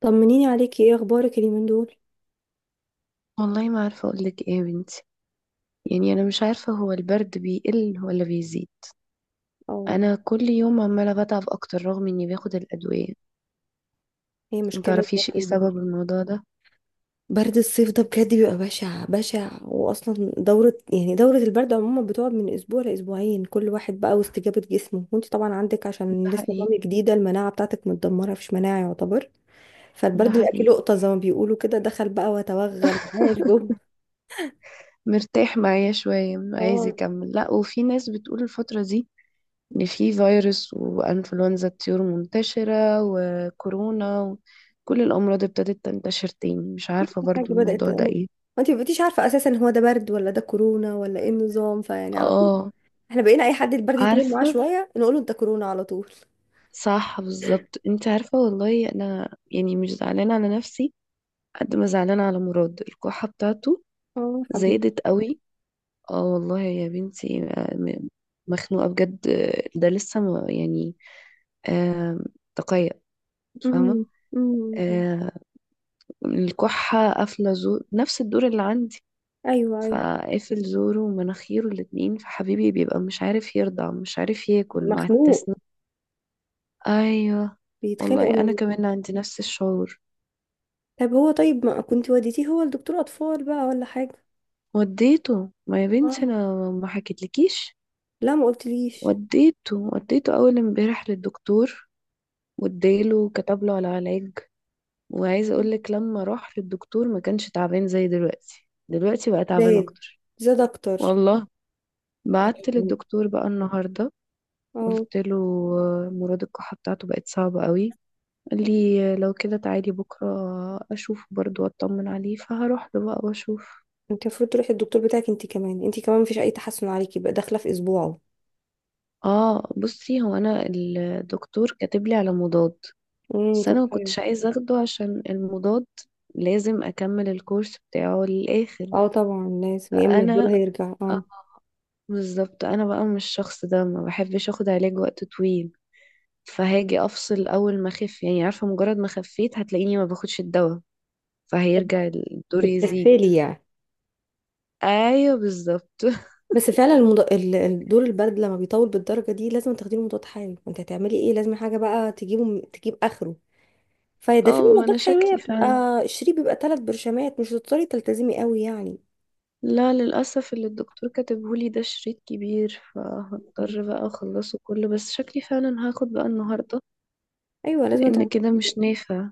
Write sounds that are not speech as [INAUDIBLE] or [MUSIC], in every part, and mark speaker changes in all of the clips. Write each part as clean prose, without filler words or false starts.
Speaker 1: طمنيني عليكي، ايه اخبارك اليومين دول؟
Speaker 2: والله، ما عارفة أقولك إيه يا بنتي. يعني أنا مش عارفة هو البرد بيقل ولا بيزيد.
Speaker 1: او
Speaker 2: أنا كل يوم عمالة بتعب أكتر رغم إني باخد الأدوية.
Speaker 1: هي مشكله
Speaker 2: متعرفيش
Speaker 1: برد
Speaker 2: إيه سبب الموضوع ده؟
Speaker 1: برد الصيف ده بجد بيبقى بشع بشع. واصلا دوره، يعني، دوره البرد عموما بتقعد من اسبوع لاسبوعين، كل واحد بقى واستجابه جسمه. وانت طبعا عندك، عشان
Speaker 2: ده
Speaker 1: لسه
Speaker 2: حقيقي.
Speaker 1: مامي جديده، المناعه بتاعتك متدمره، مفيش مناعه يعتبر.
Speaker 2: ده
Speaker 1: فالبرد اللي اكله
Speaker 2: حقيقي.
Speaker 1: لقطه زي ما بيقولوا كده، دخل بقى وتوغل معايا
Speaker 2: [LAUGHS]
Speaker 1: جوه.
Speaker 2: مرتاح معايا شوية عايز
Speaker 1: اه.
Speaker 2: يكمل، لأ. وفي ناس بتقول الفترة دي إن في فيروس وإنفلونزا الطيور منتشرة وكورونا، وكل الأمراض ابتدت تنتشر تاني. مش
Speaker 1: كل
Speaker 2: عارفة
Speaker 1: حاجه
Speaker 2: برضو
Speaker 1: بدات،
Speaker 2: الموضوع ده إيه.
Speaker 1: انت ما بقيتيش عارفه اساسا هو ده برد ولا ده كورونا ولا ايه النظام، فيعني على طول
Speaker 2: اه.
Speaker 1: احنا بقينا اي حد البرد يطول معاه
Speaker 2: عارفة.
Speaker 1: شويه نقول له انت كورونا على طول.
Speaker 2: صح بالظبط. انت عارفة، والله انا يعني مش زعلانة على نفسي قد ما زعلانة على مراد الكحة بتاعته
Speaker 1: اه حبيبي.
Speaker 2: زادت قوي. اه والله يا بنتي. مخنوقة بجد. ده لسه ما يعني. آه. تقيأ.
Speaker 1: امم
Speaker 2: فاهمة.
Speaker 1: امم
Speaker 2: آه. الكحة قافلة زور نفس الدور اللي عندي.
Speaker 1: ايوه ايوه.
Speaker 2: فقافل زوره ومناخيره الاتنين، فحبيبي بيبقى مش عارف يرضع مش عارف ياكل مع
Speaker 1: مخنوق.
Speaker 2: التسنين. ايوه.
Speaker 1: بيتخانق
Speaker 2: والله
Speaker 1: ولا
Speaker 2: انا
Speaker 1: إيه؟
Speaker 2: كمان عندي نفس الشعور.
Speaker 1: طب هو طيب، ما كنت وديتيه هو لدكتور اطفال بقى ولا حاجه؟
Speaker 2: وديته، ما يا بنتي
Speaker 1: اه.
Speaker 2: انا ما حكيتلكيش.
Speaker 1: لا ما قلتليش.
Speaker 2: وديته وديته اول امبارح للدكتور، واداله كتب له على علاج. وعايزه اقول لك لما راح للدكتور ما كانش تعبان زي دلوقتي. دلوقتي بقى تعبان
Speaker 1: زاد،
Speaker 2: اكتر.
Speaker 1: زاد اكتر.
Speaker 2: والله. بعت
Speaker 1: يعني
Speaker 2: للدكتور بقى النهارده،
Speaker 1: اه.
Speaker 2: قلت له مراد الكحه بتاعته بقت صعبه قوي. قال لي لو كده تعالي بكره اشوفه برضه واطمن عليه. فهروح له بقى واشوف.
Speaker 1: انت المفروض تروحي الدكتور بتاعك انت كمان، انت كمان مفيش اي تحسن عليكي، بقى داخله في اسبوعه.
Speaker 2: اه. بصي، هو انا الدكتور كاتب لي على مضاد. بس
Speaker 1: طب
Speaker 2: انا ما
Speaker 1: حلو.
Speaker 2: كنتش عايزه اخده عشان المضاد لازم اكمل الكورس بتاعه للاخر.
Speaker 1: اه طبعا لازم، يا اما الدول
Speaker 2: فانا
Speaker 1: هيرجع.
Speaker 2: آه،
Speaker 1: اه
Speaker 2: بالظبط انا بقى مش الشخص ده ما بحبش اخد علاج وقت طويل. فهاجي افصل اول ما اخف. يعني عارفه، مجرد ما خفيت هتلاقيني ما باخدش الدواء، فهيرجع الدور يزيد.
Speaker 1: بتكفلي يعني.
Speaker 2: ايوه بالظبط. [LAUGHS]
Speaker 1: بس فعلا دور البرد لما بيطول بالدرجه دي لازم تاخدي له مضاد حيوي. انت هتعملي ايه؟ لازم حاجه بقى تجيبه تجيب اخره. فده في
Speaker 2: اه، ما انا
Speaker 1: مضادات حيويه
Speaker 2: شكلي
Speaker 1: بتبقى
Speaker 2: فعلا.
Speaker 1: الشريط بيبقى ثلاث برشامات، مش هتضطري تلتزمي قوي يعني.
Speaker 2: لا، للاسف اللي الدكتور كاتبهولي ده شريط كبير،
Speaker 1: مم.
Speaker 2: فهضطر بقى اخلصه كله، بس شكلي فعلا هاخد بقى النهارده،
Speaker 1: ايوه لازم
Speaker 2: لان
Speaker 1: تعملي
Speaker 2: كده
Speaker 1: كده.
Speaker 2: مش نافع.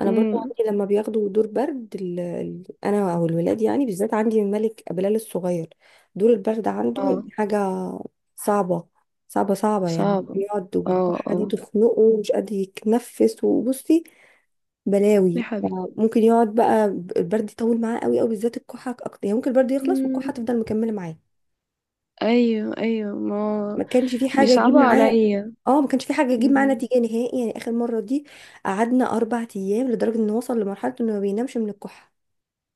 Speaker 1: انا برضو
Speaker 2: امم.
Speaker 1: عندي لما بياخدوا دور برد، انا او الولاد يعني، بالذات عندي الملك بلال الصغير، دور البرد عنده يعني
Speaker 2: اه.
Speaker 1: حاجه صعبه. صعبه صعبه يعني،
Speaker 2: صعبة.
Speaker 1: بيقعد
Speaker 2: اه
Speaker 1: وبتكح دي
Speaker 2: اه.
Speaker 1: تخنقه ومش قادر يتنفس. وبصي،
Speaker 2: يا
Speaker 1: بلاوي.
Speaker 2: حبيبي.
Speaker 1: ممكن يقعد بقى البرد يطول معاه قوي قوي، بالذات الكحه اكتر يعني. ممكن البرد يخلص
Speaker 2: مم.
Speaker 1: والكحه تفضل مكمله معاه.
Speaker 2: ايوه ايوه. ما
Speaker 1: ما كانش في حاجه تجيب
Speaker 2: بيصعبوا
Speaker 1: معاه.
Speaker 2: عليا.
Speaker 1: اه ما كانش في حاجه تجيب معاه
Speaker 2: مم.
Speaker 1: نتيجه نهائي، يعني اخر مره دي قعدنا اربع ايام لدرجه انه وصل لمرحله انه ما بينامش من الكحه،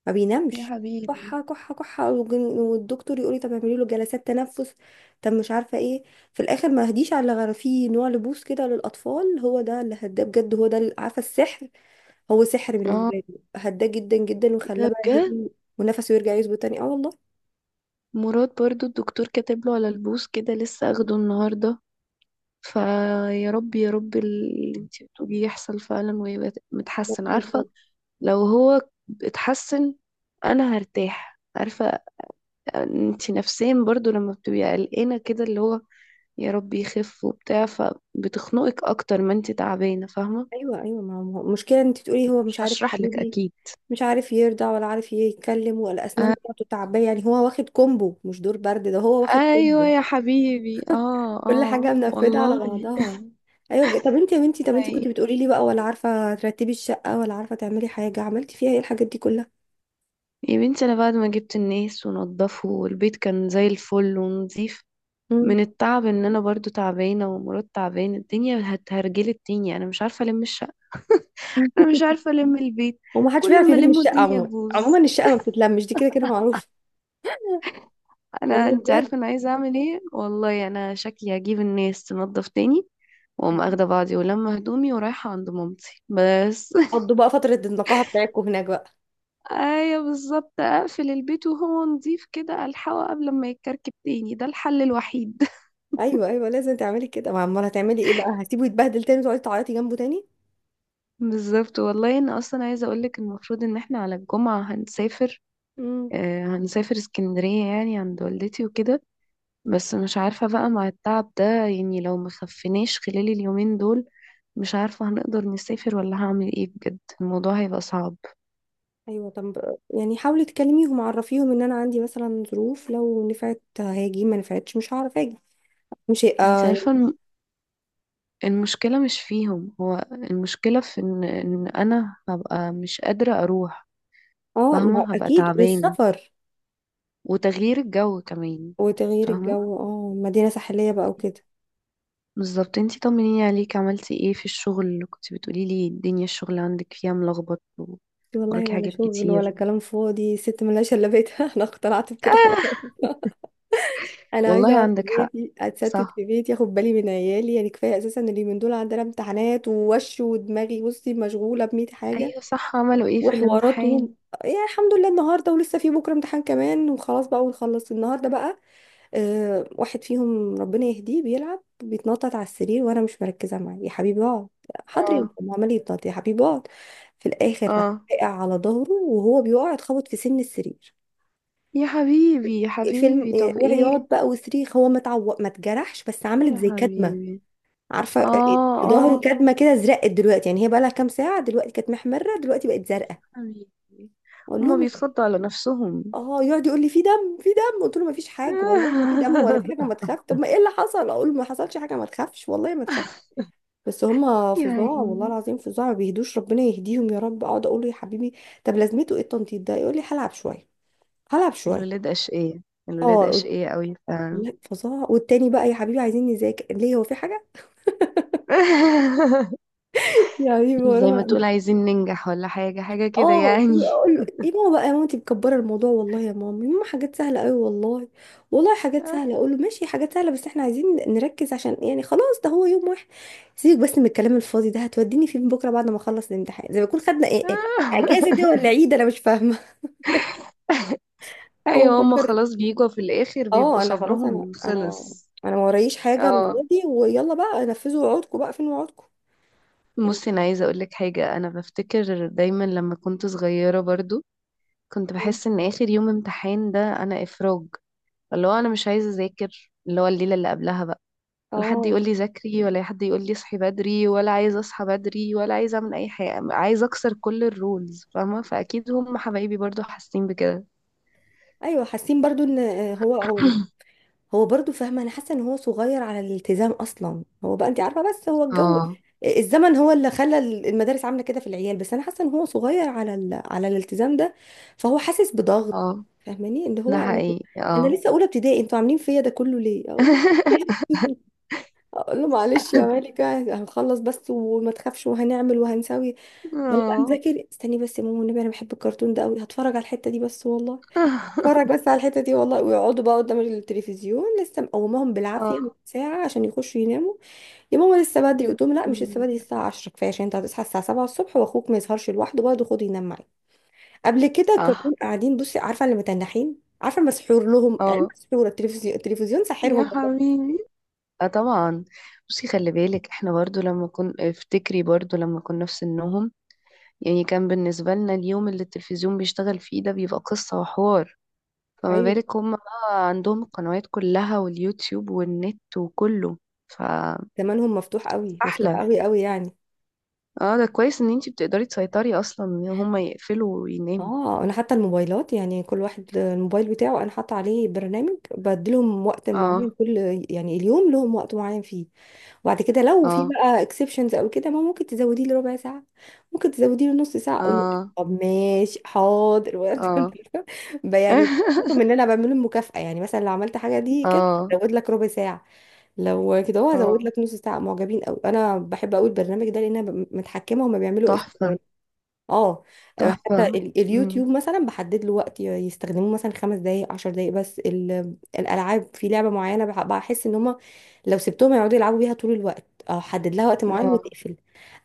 Speaker 1: ما
Speaker 2: يا
Speaker 1: بينامش.
Speaker 2: حبيبي.
Speaker 1: كحه كحه كحه. والدكتور يقول لي طب اعملي له جلسات تنفس، طب مش عارفه ايه. في الاخر ما هديش على غير في نوع لبوس كده للاطفال، هو ده اللي هداه بجد، عارفه السحر، هو سحر
Speaker 2: اه.
Speaker 1: بالنسبة لي، هداه جدا جدا
Speaker 2: إيه
Speaker 1: وخلاه
Speaker 2: ده
Speaker 1: بقى
Speaker 2: بجد؟
Speaker 1: هادي ونفسه يرجع يظبط تاني. اه والله.
Speaker 2: مراد برضو الدكتور كاتب له على البوس كده، لسه اخده النهارده. فيا رب يا رب اللي انت بتقوليه يحصل فعلا ويبقى متحسن، عارفه.
Speaker 1: بجرب.
Speaker 2: لو هو اتحسن انا هرتاح، عارفه. انت نفسيا برضو لما بتبقي قلقانة كده اللي هو يا رب يخف وبتاع، فبتخنقك اكتر ما انت تعبانة، فاهمة.
Speaker 1: ايوه ايوه، ما هو المشكلة انت تقولي هو
Speaker 2: مش
Speaker 1: مش عارف، يا
Speaker 2: هشرح لك
Speaker 1: حبيبي
Speaker 2: اكيد.
Speaker 1: مش عارف يرضع ولا عارف يتكلم، والاسنان
Speaker 2: آه،
Speaker 1: بتاعته تعبية، يعني هو واخد كومبو مش دور برد ده، هو واخد
Speaker 2: ايوه
Speaker 1: كومبو.
Speaker 2: يا حبيبي. اه
Speaker 1: كل حاجة
Speaker 2: اه
Speaker 1: منفذة على
Speaker 2: والله.
Speaker 1: بعضها. ايوه بجد. طب انت يا بنتي، طب انت
Speaker 2: أي.
Speaker 1: كنت بتقولي لي بقى ولا عارفة ترتبي الشقة ولا عارفة تعملي حاجة، عملتي فيها ايه الحاجات دي كلها؟
Speaker 2: يا بنتي انا بعد ما جبت الناس ونضفه والبيت كان زي الفل ونظيف،
Speaker 1: مم.
Speaker 2: من التعب ان انا برضو تعبانه ومرات تعبانه الدنيا هتهرجلت تاني. انا مش عارفه الم الشقه. انا مش عارفه الم البيت.
Speaker 1: هو ما حدش بيعرف
Speaker 2: كل ما
Speaker 1: يلم
Speaker 2: الم
Speaker 1: الشقة
Speaker 2: الدنيا
Speaker 1: عموما، عموما
Speaker 2: تبوظ.
Speaker 1: الشقة ما بتتلمش، دي كده كده معروف.
Speaker 2: انا
Speaker 1: والله
Speaker 2: انت عارفه انا عايزه اعمل ايه؟ والله انا شكلي هجيب الناس تنظف تاني واقوم
Speaker 1: بجد،
Speaker 2: اخده بعضي ولما هدومي ورايحه عند مامتي بس.
Speaker 1: قضوا بقى فترة النقاهة بتاعتكم هناك بقى.
Speaker 2: [LAUGHS] ايوه بالظبط. اقفل البيت وهو نضيف كده الحقه قبل ما يتكركب تاني. ده الحل الوحيد. [LAUGHS]
Speaker 1: ايوه ايوه لازم تعملي كده، ما امال هتعملي ايه بقى، هتسيبه يتبهدل تاني وتقعدي تعيطي جنبه تاني؟
Speaker 2: بالظبط. والله انا اصلا عايزه اقولك المفروض ان احنا على الجمعه هنسافر.
Speaker 1: امم
Speaker 2: هنسافر اسكندريه يعني عند والدتي وكده. بس مش عارفه بقى مع التعب ده، يعني لو مخفناش خلال اليومين دول مش عارفة هنقدر نسافر ولا هعمل ايه. بجد الموضوع هيبقى صعب.
Speaker 1: ايوه. طب يعني حاولي تكلميهم، عرفيهم ان انا عندي مثلا ظروف، لو نفعت هاجي، ما نفعتش مش هعرف اجي. مش هي-
Speaker 2: انت
Speaker 1: اه.
Speaker 2: عارفة، المشكلة مش فيهم، هو المشكلة في إن انا هبقى مش قادرة اروح.
Speaker 1: اه ما هو
Speaker 2: فاهمة هبقى
Speaker 1: اكيد،
Speaker 2: تعبانة.
Speaker 1: والسفر
Speaker 2: وتغيير الجو كمان.
Speaker 1: وتغيير
Speaker 2: فاهمة.
Speaker 1: الجو، اه مدينة ساحلية بقى وكده.
Speaker 2: بالظبط. انتي طمنيني عليك، عملتي ايه في الشغل؟ كنت بتقولي لي الدنيا الشغل عندك فيها ملخبط.
Speaker 1: والله
Speaker 2: وراكي
Speaker 1: ولا
Speaker 2: حاجات
Speaker 1: شغل ولا
Speaker 2: كتير.
Speaker 1: كلام فاضي، ست ملهاش الا بيتها [LAUGHS] انا اقتنعت بكده
Speaker 2: آه.
Speaker 1: خلاص. انا عايزه
Speaker 2: والله
Speaker 1: اقعد في
Speaker 2: عندك حق.
Speaker 1: بيتي، اتستت
Speaker 2: صح.
Speaker 1: في بيتي، اخد بالي من عيالي. يعني كفايه اساسا، اليومين دول عندنا امتحانات، ووش ودماغي بصي مشغوله ب 100 حاجه
Speaker 2: ايوه صح. عملوا ايه في الامتحان؟
Speaker 1: وحواراتهم. يعني الحمد لله النهارده، ولسه في بكره امتحان كمان وخلاص بقى، ونخلص النهارده بقى. أه، واحد فيهم ربنا يهديه، بيلعب بيتنطط على السرير وانا مش مركزه معاه. يا حبيبي اقعد، حاضر يا
Speaker 2: اه
Speaker 1: ماما، عمال يتنطط. يا حبيبي اقعد. في الاخر راح
Speaker 2: اه
Speaker 1: وقع على ظهره، وهو بيقع اتخبط في سن السرير.
Speaker 2: يا حبيبي يا
Speaker 1: فيلم
Speaker 2: حبيبي طب
Speaker 1: وعياط
Speaker 2: ايه.
Speaker 1: بقى وصريخ. هو ما اتجرحش، بس عملت
Speaker 2: يا
Speaker 1: زي كدمه.
Speaker 2: حبيبي.
Speaker 1: عارفه،
Speaker 2: اه
Speaker 1: في ظهره
Speaker 2: اه
Speaker 1: كدمه كده، زرقت دلوقتي يعني. هي بقى لها كام ساعه دلوقتي، كانت محمره دلوقتي بقت زرقاء.
Speaker 2: حبيبي.
Speaker 1: اقول
Speaker 2: هما
Speaker 1: لهم،
Speaker 2: بيتخضوا على نفسهم.
Speaker 1: اه يقعد يقول لي في دم، في دم. قلت له ما فيش حاجه، والله ما في دم ولا
Speaker 2: [LAUGHS]
Speaker 1: في حاجه، ما تخاف. طب ما ايه اللي حصل؟ اقول له ما حصلش حاجه ما تخافش، والله ما تخاف. بس هم
Speaker 2: يا
Speaker 1: فظاع، والله
Speaker 2: عيني.
Speaker 1: العظيم فظاع، ما بيهدوش، ربنا يهديهم يا رب. اقعد اقول له يا حبيبي، طب لازمته ايه التنطيط ده؟ يقول لي هلعب شويه، هلعب شويه.
Speaker 2: الولاد أشقية. الولاد
Speaker 1: اه
Speaker 2: أشقية قوي فعلا.
Speaker 1: لا فظاع. والتاني بقى، يا حبيبي عايزين نذاكر، ليه، هو في حاجه؟
Speaker 2: [LAUGHS]
Speaker 1: يا حبيبي
Speaker 2: زي ما
Speaker 1: ورانا.
Speaker 2: تقول عايزين ننجح ولا حاجة، حاجة كده
Speaker 1: اه.
Speaker 2: يعني.
Speaker 1: اقول له ايه ماما بقى، يا ماما انت مكبره الموضوع والله، يا ماما يا ماما حاجات سهله قوي والله، والله حاجات سهله. اقول له ماشي، حاجات سهله، بس احنا عايزين نركز عشان يعني خلاص ده هو يوم واحد، سيبك بس من الكلام الفاضي ده. هتوديني فين بكره بعد ما اخلص الامتحان؟ زي ما يكون خدنا ايه، ايه اجازه دي
Speaker 2: [LAUGHS]
Speaker 1: ولا عيد، انا مش فاهمه [LAUGHS] هو
Speaker 2: ايوه هما
Speaker 1: مفكر.
Speaker 2: خلاص بيجوا في الآخر بيبقوا
Speaker 1: اه انا خلاص، انا
Speaker 2: صبرهم
Speaker 1: انا
Speaker 2: خلص.
Speaker 1: انا ما ورايش حاجه، انا
Speaker 2: اه.
Speaker 1: فاضي، ويلا بقى نفذوا وعودكم بقى، فين وعودكم؟
Speaker 2: بصي انا عايزه اقول لك حاجه. انا بفتكر دايما لما كنت صغيره برضو كنت بحس ان اخر يوم امتحان ده انا افراج. اللي هو انا مش عايزه اذاكر اللي هو الليله اللي قبلها بقى، ولا حد
Speaker 1: اه.
Speaker 2: يقول لي ذاكري، ولا حد يقول لي اصحي بدري، ولا عايزه اصحى بدري، ولا عايزه اعمل اي حاجه. عايزه اكسر كل الرولز، فاهمه. فاكيد هم حبايبي برضو حاسين بكده.
Speaker 1: ايوه حاسين برضو ان هو
Speaker 2: [LAUGHS]
Speaker 1: هو برضو. فاهمه انا حاسه ان هو صغير على الالتزام اصلا، هو بقى انت عارفه، بس هو الجو،
Speaker 2: اه
Speaker 1: الزمن هو اللي خلى المدارس عامله كده في العيال، بس انا حاسه ان هو صغير على على الالتزام ده، فهو حاسس بضغط.
Speaker 2: اه
Speaker 1: فاهماني ان هو،
Speaker 2: ده حقيقي
Speaker 1: انا
Speaker 2: اه.
Speaker 1: لسه اولى ابتدائي، انتوا عاملين فيا ده كله ليه؟ اقول له
Speaker 2: [LAUGHS]
Speaker 1: [LAUGHS] اقول له معلش يا مالكه، هنخلص بس وما تخافش، وهنعمل وهنسوي. يلا بقى
Speaker 2: اه.
Speaker 1: نذاكر. استني بس يا ماما، والنبي انا بحب الكرتون ده قوي، هتفرج على الحته دي بس والله،
Speaker 2: [LAUGHS]
Speaker 1: اتفرج بس على الحتة دي والله. ويقعدوا بقى قدام التلفزيون لسه مقوماهم
Speaker 2: اه
Speaker 1: بالعافية من ساعة عشان يخشوا يناموا. يا ماما لسه بدري،
Speaker 2: يا
Speaker 1: قلت لهم لا مش لسه بدري،
Speaker 2: جميلة.
Speaker 1: الساعة 10 كفاية، عشان انت هتصحى الساعة 7 الصبح، واخوك ما يسهرش لوحده برضه، خده ينام معاك. قبل كده
Speaker 2: صح.
Speaker 1: كرتون قاعدين، بصي عارفة اللي متنحين، عارفة مسحور لهم عين
Speaker 2: اه
Speaker 1: مسحورة، التلفزيون التلفزيون ساحرهم
Speaker 2: يا
Speaker 1: والله.
Speaker 2: حبيبي. اه طبعا. بصي خلي بالك، احنا برضو لما افتكري برضو لما كنا في سنهم، يعني كان بالنسبة لنا اليوم اللي التلفزيون بيشتغل فيه ده بيبقى قصة وحوار. فما
Speaker 1: ايوه
Speaker 2: بالك هم بقى عندهم القنوات كلها واليوتيوب والنت وكله، فأحلى.
Speaker 1: زمانهم مفتوح قوي، مفتوح قوي قوي يعني.
Speaker 2: اه، ده كويس ان انتي بتقدري تسيطري اصلا ان هم يقفلوا ويناموا.
Speaker 1: اه انا حتى الموبايلات، يعني كل واحد الموبايل بتاعه انا حاطه عليه برنامج بديلهم وقت معين،
Speaker 2: اه
Speaker 1: كل يعني اليوم لهم وقت معين فيه، وبعد كده لو في
Speaker 2: اه
Speaker 1: بقى اكسبشنز او كده، ما ممكن تزوديه لربع ساعه، ممكن تزوديه لنص ساعه. اقول له
Speaker 2: اه
Speaker 1: طب ماشي حاضر
Speaker 2: اه.
Speaker 1: [LAUGHS]
Speaker 2: [LAUGHS]
Speaker 1: يعني بحكم ان انا بعمله مكافاه، يعني مثلا لو عملت حاجه دي كده
Speaker 2: اه
Speaker 1: هزود لك ربع ساعه، لو كده هو هزود
Speaker 2: اه.
Speaker 1: لك نص ساعه معجبين. او انا بحب قوي البرنامج ده لان انا متحكمه هما بيعملوا ايه في،
Speaker 2: تحفة.
Speaker 1: اه حتى
Speaker 2: تحفة. مم.
Speaker 1: اليوتيوب مثلا بحدد له وقت يستخدموه مثلا خمس دقايق عشر دقايق. بس الالعاب، في لعبه معينه بحس ان هما لو سبتهم يقعدوا يلعبوا بيها طول الوقت، او حدد لها وقت معين
Speaker 2: اه.
Speaker 1: وتقفل.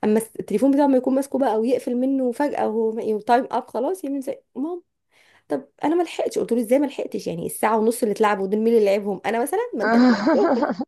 Speaker 1: اما التليفون بتاعه ما يكون ماسكه بقى ويقفل منه فجاه، وهو تايم اب خلاص، يعمل زي مام. طب انا ما لحقتش، قلت له ازاي ما لحقتش، يعني الساعه ونص اللي اتلعبوا دول مين اللي لعبهم؟ انا مثلا؟ ما انت اللي لعبتهم
Speaker 2: [LAUGHS]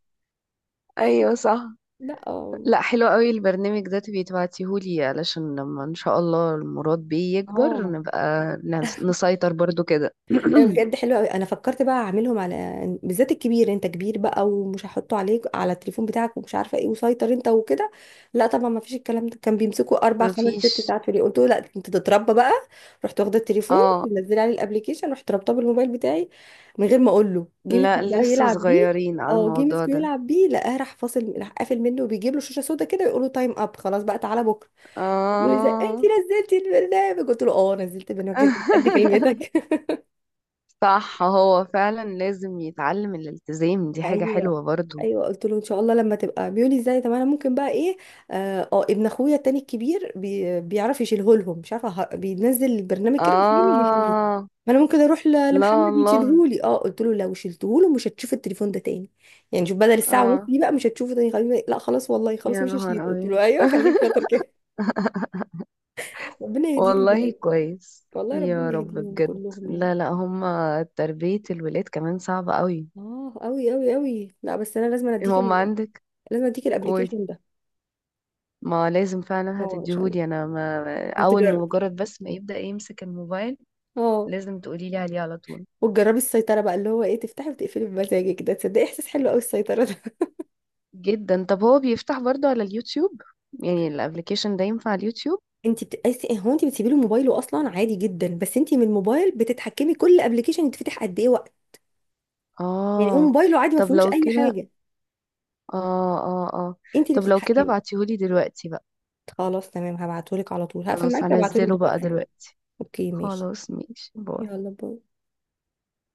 Speaker 2: ايوه صح.
Speaker 1: [LAUGHS] لا.
Speaker 2: لا حلو قوي البرنامج ده. تبقي تبعتيهولي علشان لما ان شاء الله المراد بيه يكبر
Speaker 1: اه،
Speaker 2: نبقى نسيطر برضو كده.
Speaker 1: أيوة
Speaker 2: [CLEARS THROAT]
Speaker 1: بجد حلو قوي، انا فكرت بقى اعملهم على بالذات الكبير. انت كبير بقى، ومش هحطه عليك على التليفون بتاعك ومش عارفه ايه، وسيطر انت وكده، لا طبعا ما فيش الكلام ده. كان بيمسكوا اربع خمس ست
Speaker 2: مفيش.
Speaker 1: ساعات في اليوم، قلت له لا انت تتربى بقى. رحت واخده التليفون
Speaker 2: اه.
Speaker 1: منزله عليه الابليكيشن، رحت رابطاه بالموبايل بتاعي من غير ما اقول له. جه مسك
Speaker 2: لا
Speaker 1: بقى
Speaker 2: لسه
Speaker 1: يلعب بيه،
Speaker 2: صغيرين على
Speaker 1: اه جه
Speaker 2: الموضوع
Speaker 1: مسكه
Speaker 2: ده.
Speaker 1: يلعب بيه، لقاه راح فاصل، راح قافل منه وبيجيب له شاشه سودا كده يقول له تايم اب، خلاص بقى تعالى بكره. يقول لي إزاي؟ انت
Speaker 2: اه.
Speaker 1: نزلتي البرنامج؟ قلت له اه نزلت البرنامج عشان أنت مش قد
Speaker 2: [LAUGHS]
Speaker 1: كلمتك.
Speaker 2: صح هو فعلا لازم يتعلم الالتزام، دي حاجة
Speaker 1: ايوه
Speaker 2: حلوة برضو.
Speaker 1: ايوه، قلت له ان شاء الله لما تبقى. بيقولي ازاي، طب انا ممكن بقى ايه، اه ابن اخويا التاني الكبير بي بيعرف يشيله لهم، مش عارفه بينزل البرنامج كده، مين اللي يشيله،
Speaker 2: اه
Speaker 1: ما انا ممكن اروح
Speaker 2: لا
Speaker 1: لمحمد
Speaker 2: والله.
Speaker 1: يشيله لي. اه قلت له لو شلته له مش هتشوف التليفون ده تاني، يعني شوف، بدل الساعه ونص
Speaker 2: اه
Speaker 1: دي بقى مش هتشوفه تاني. خليني، لا خلاص والله خلاص
Speaker 2: يا
Speaker 1: مش هشيله.
Speaker 2: نهار
Speaker 1: قلت
Speaker 2: أبيض.
Speaker 1: له ايوه خليك شاطر كده [LAUGHS] ربنا يهديهم
Speaker 2: والله
Speaker 1: بجد.
Speaker 2: كويس
Speaker 1: والله
Speaker 2: يا
Speaker 1: ربنا
Speaker 2: رب
Speaker 1: يهديهم
Speaker 2: بجد.
Speaker 1: كلهم يعني.
Speaker 2: لا لا، هما تربية الولاد كمان صعبة قوي.
Speaker 1: اه قوي قوي قوي. لا بس انا لازم اديك
Speaker 2: هما عندك.
Speaker 1: لازم اديك
Speaker 2: قولي.
Speaker 1: الابلكيشن ده.
Speaker 2: ما لازم فعلا
Speaker 1: اه عشان
Speaker 2: هتديهولي انا، ما
Speaker 1: انت،
Speaker 2: اول ما مجرد بس ما يبدأ يمسك الموبايل
Speaker 1: اه
Speaker 2: لازم تقولي لي عليه على طول.
Speaker 1: وتجربي السيطرة بقى اللي هو ايه، تفتحي وتقفلي بمزاجك، ده تصدقي احساس حلو قوي السيطرة ده
Speaker 2: جدا. طب هو بيفتح برضه على اليوتيوب؟ يعني الابليكيشن ده ينفع على اليوتيوب؟
Speaker 1: [LAUGHS] انت بتقيسي هو انت بتسيبي له موبايله اصلا، عادي جدا، بس انت من الموبايل بتتحكمي كل ابلكيشن يتفتح قد ايه وقت، يعني هو
Speaker 2: اه.
Speaker 1: موبايله عادي ما
Speaker 2: طب
Speaker 1: فيهوش
Speaker 2: لو
Speaker 1: اي
Speaker 2: كده
Speaker 1: حاجة،
Speaker 2: اه اه اه
Speaker 1: انت اللي
Speaker 2: طب لو كده
Speaker 1: بتتحكمي.
Speaker 2: ابعتيهولي دلوقتي بقى.
Speaker 1: خلاص تمام، هبعتهولك على طول، هقفل
Speaker 2: خلاص
Speaker 1: معاكي هبعتهولك
Speaker 2: هنزله بقى
Speaker 1: دلوقتي على طول.
Speaker 2: دلوقتي.
Speaker 1: اوكي ماشي.
Speaker 2: خلاص ماشي باي.
Speaker 1: يلا باي.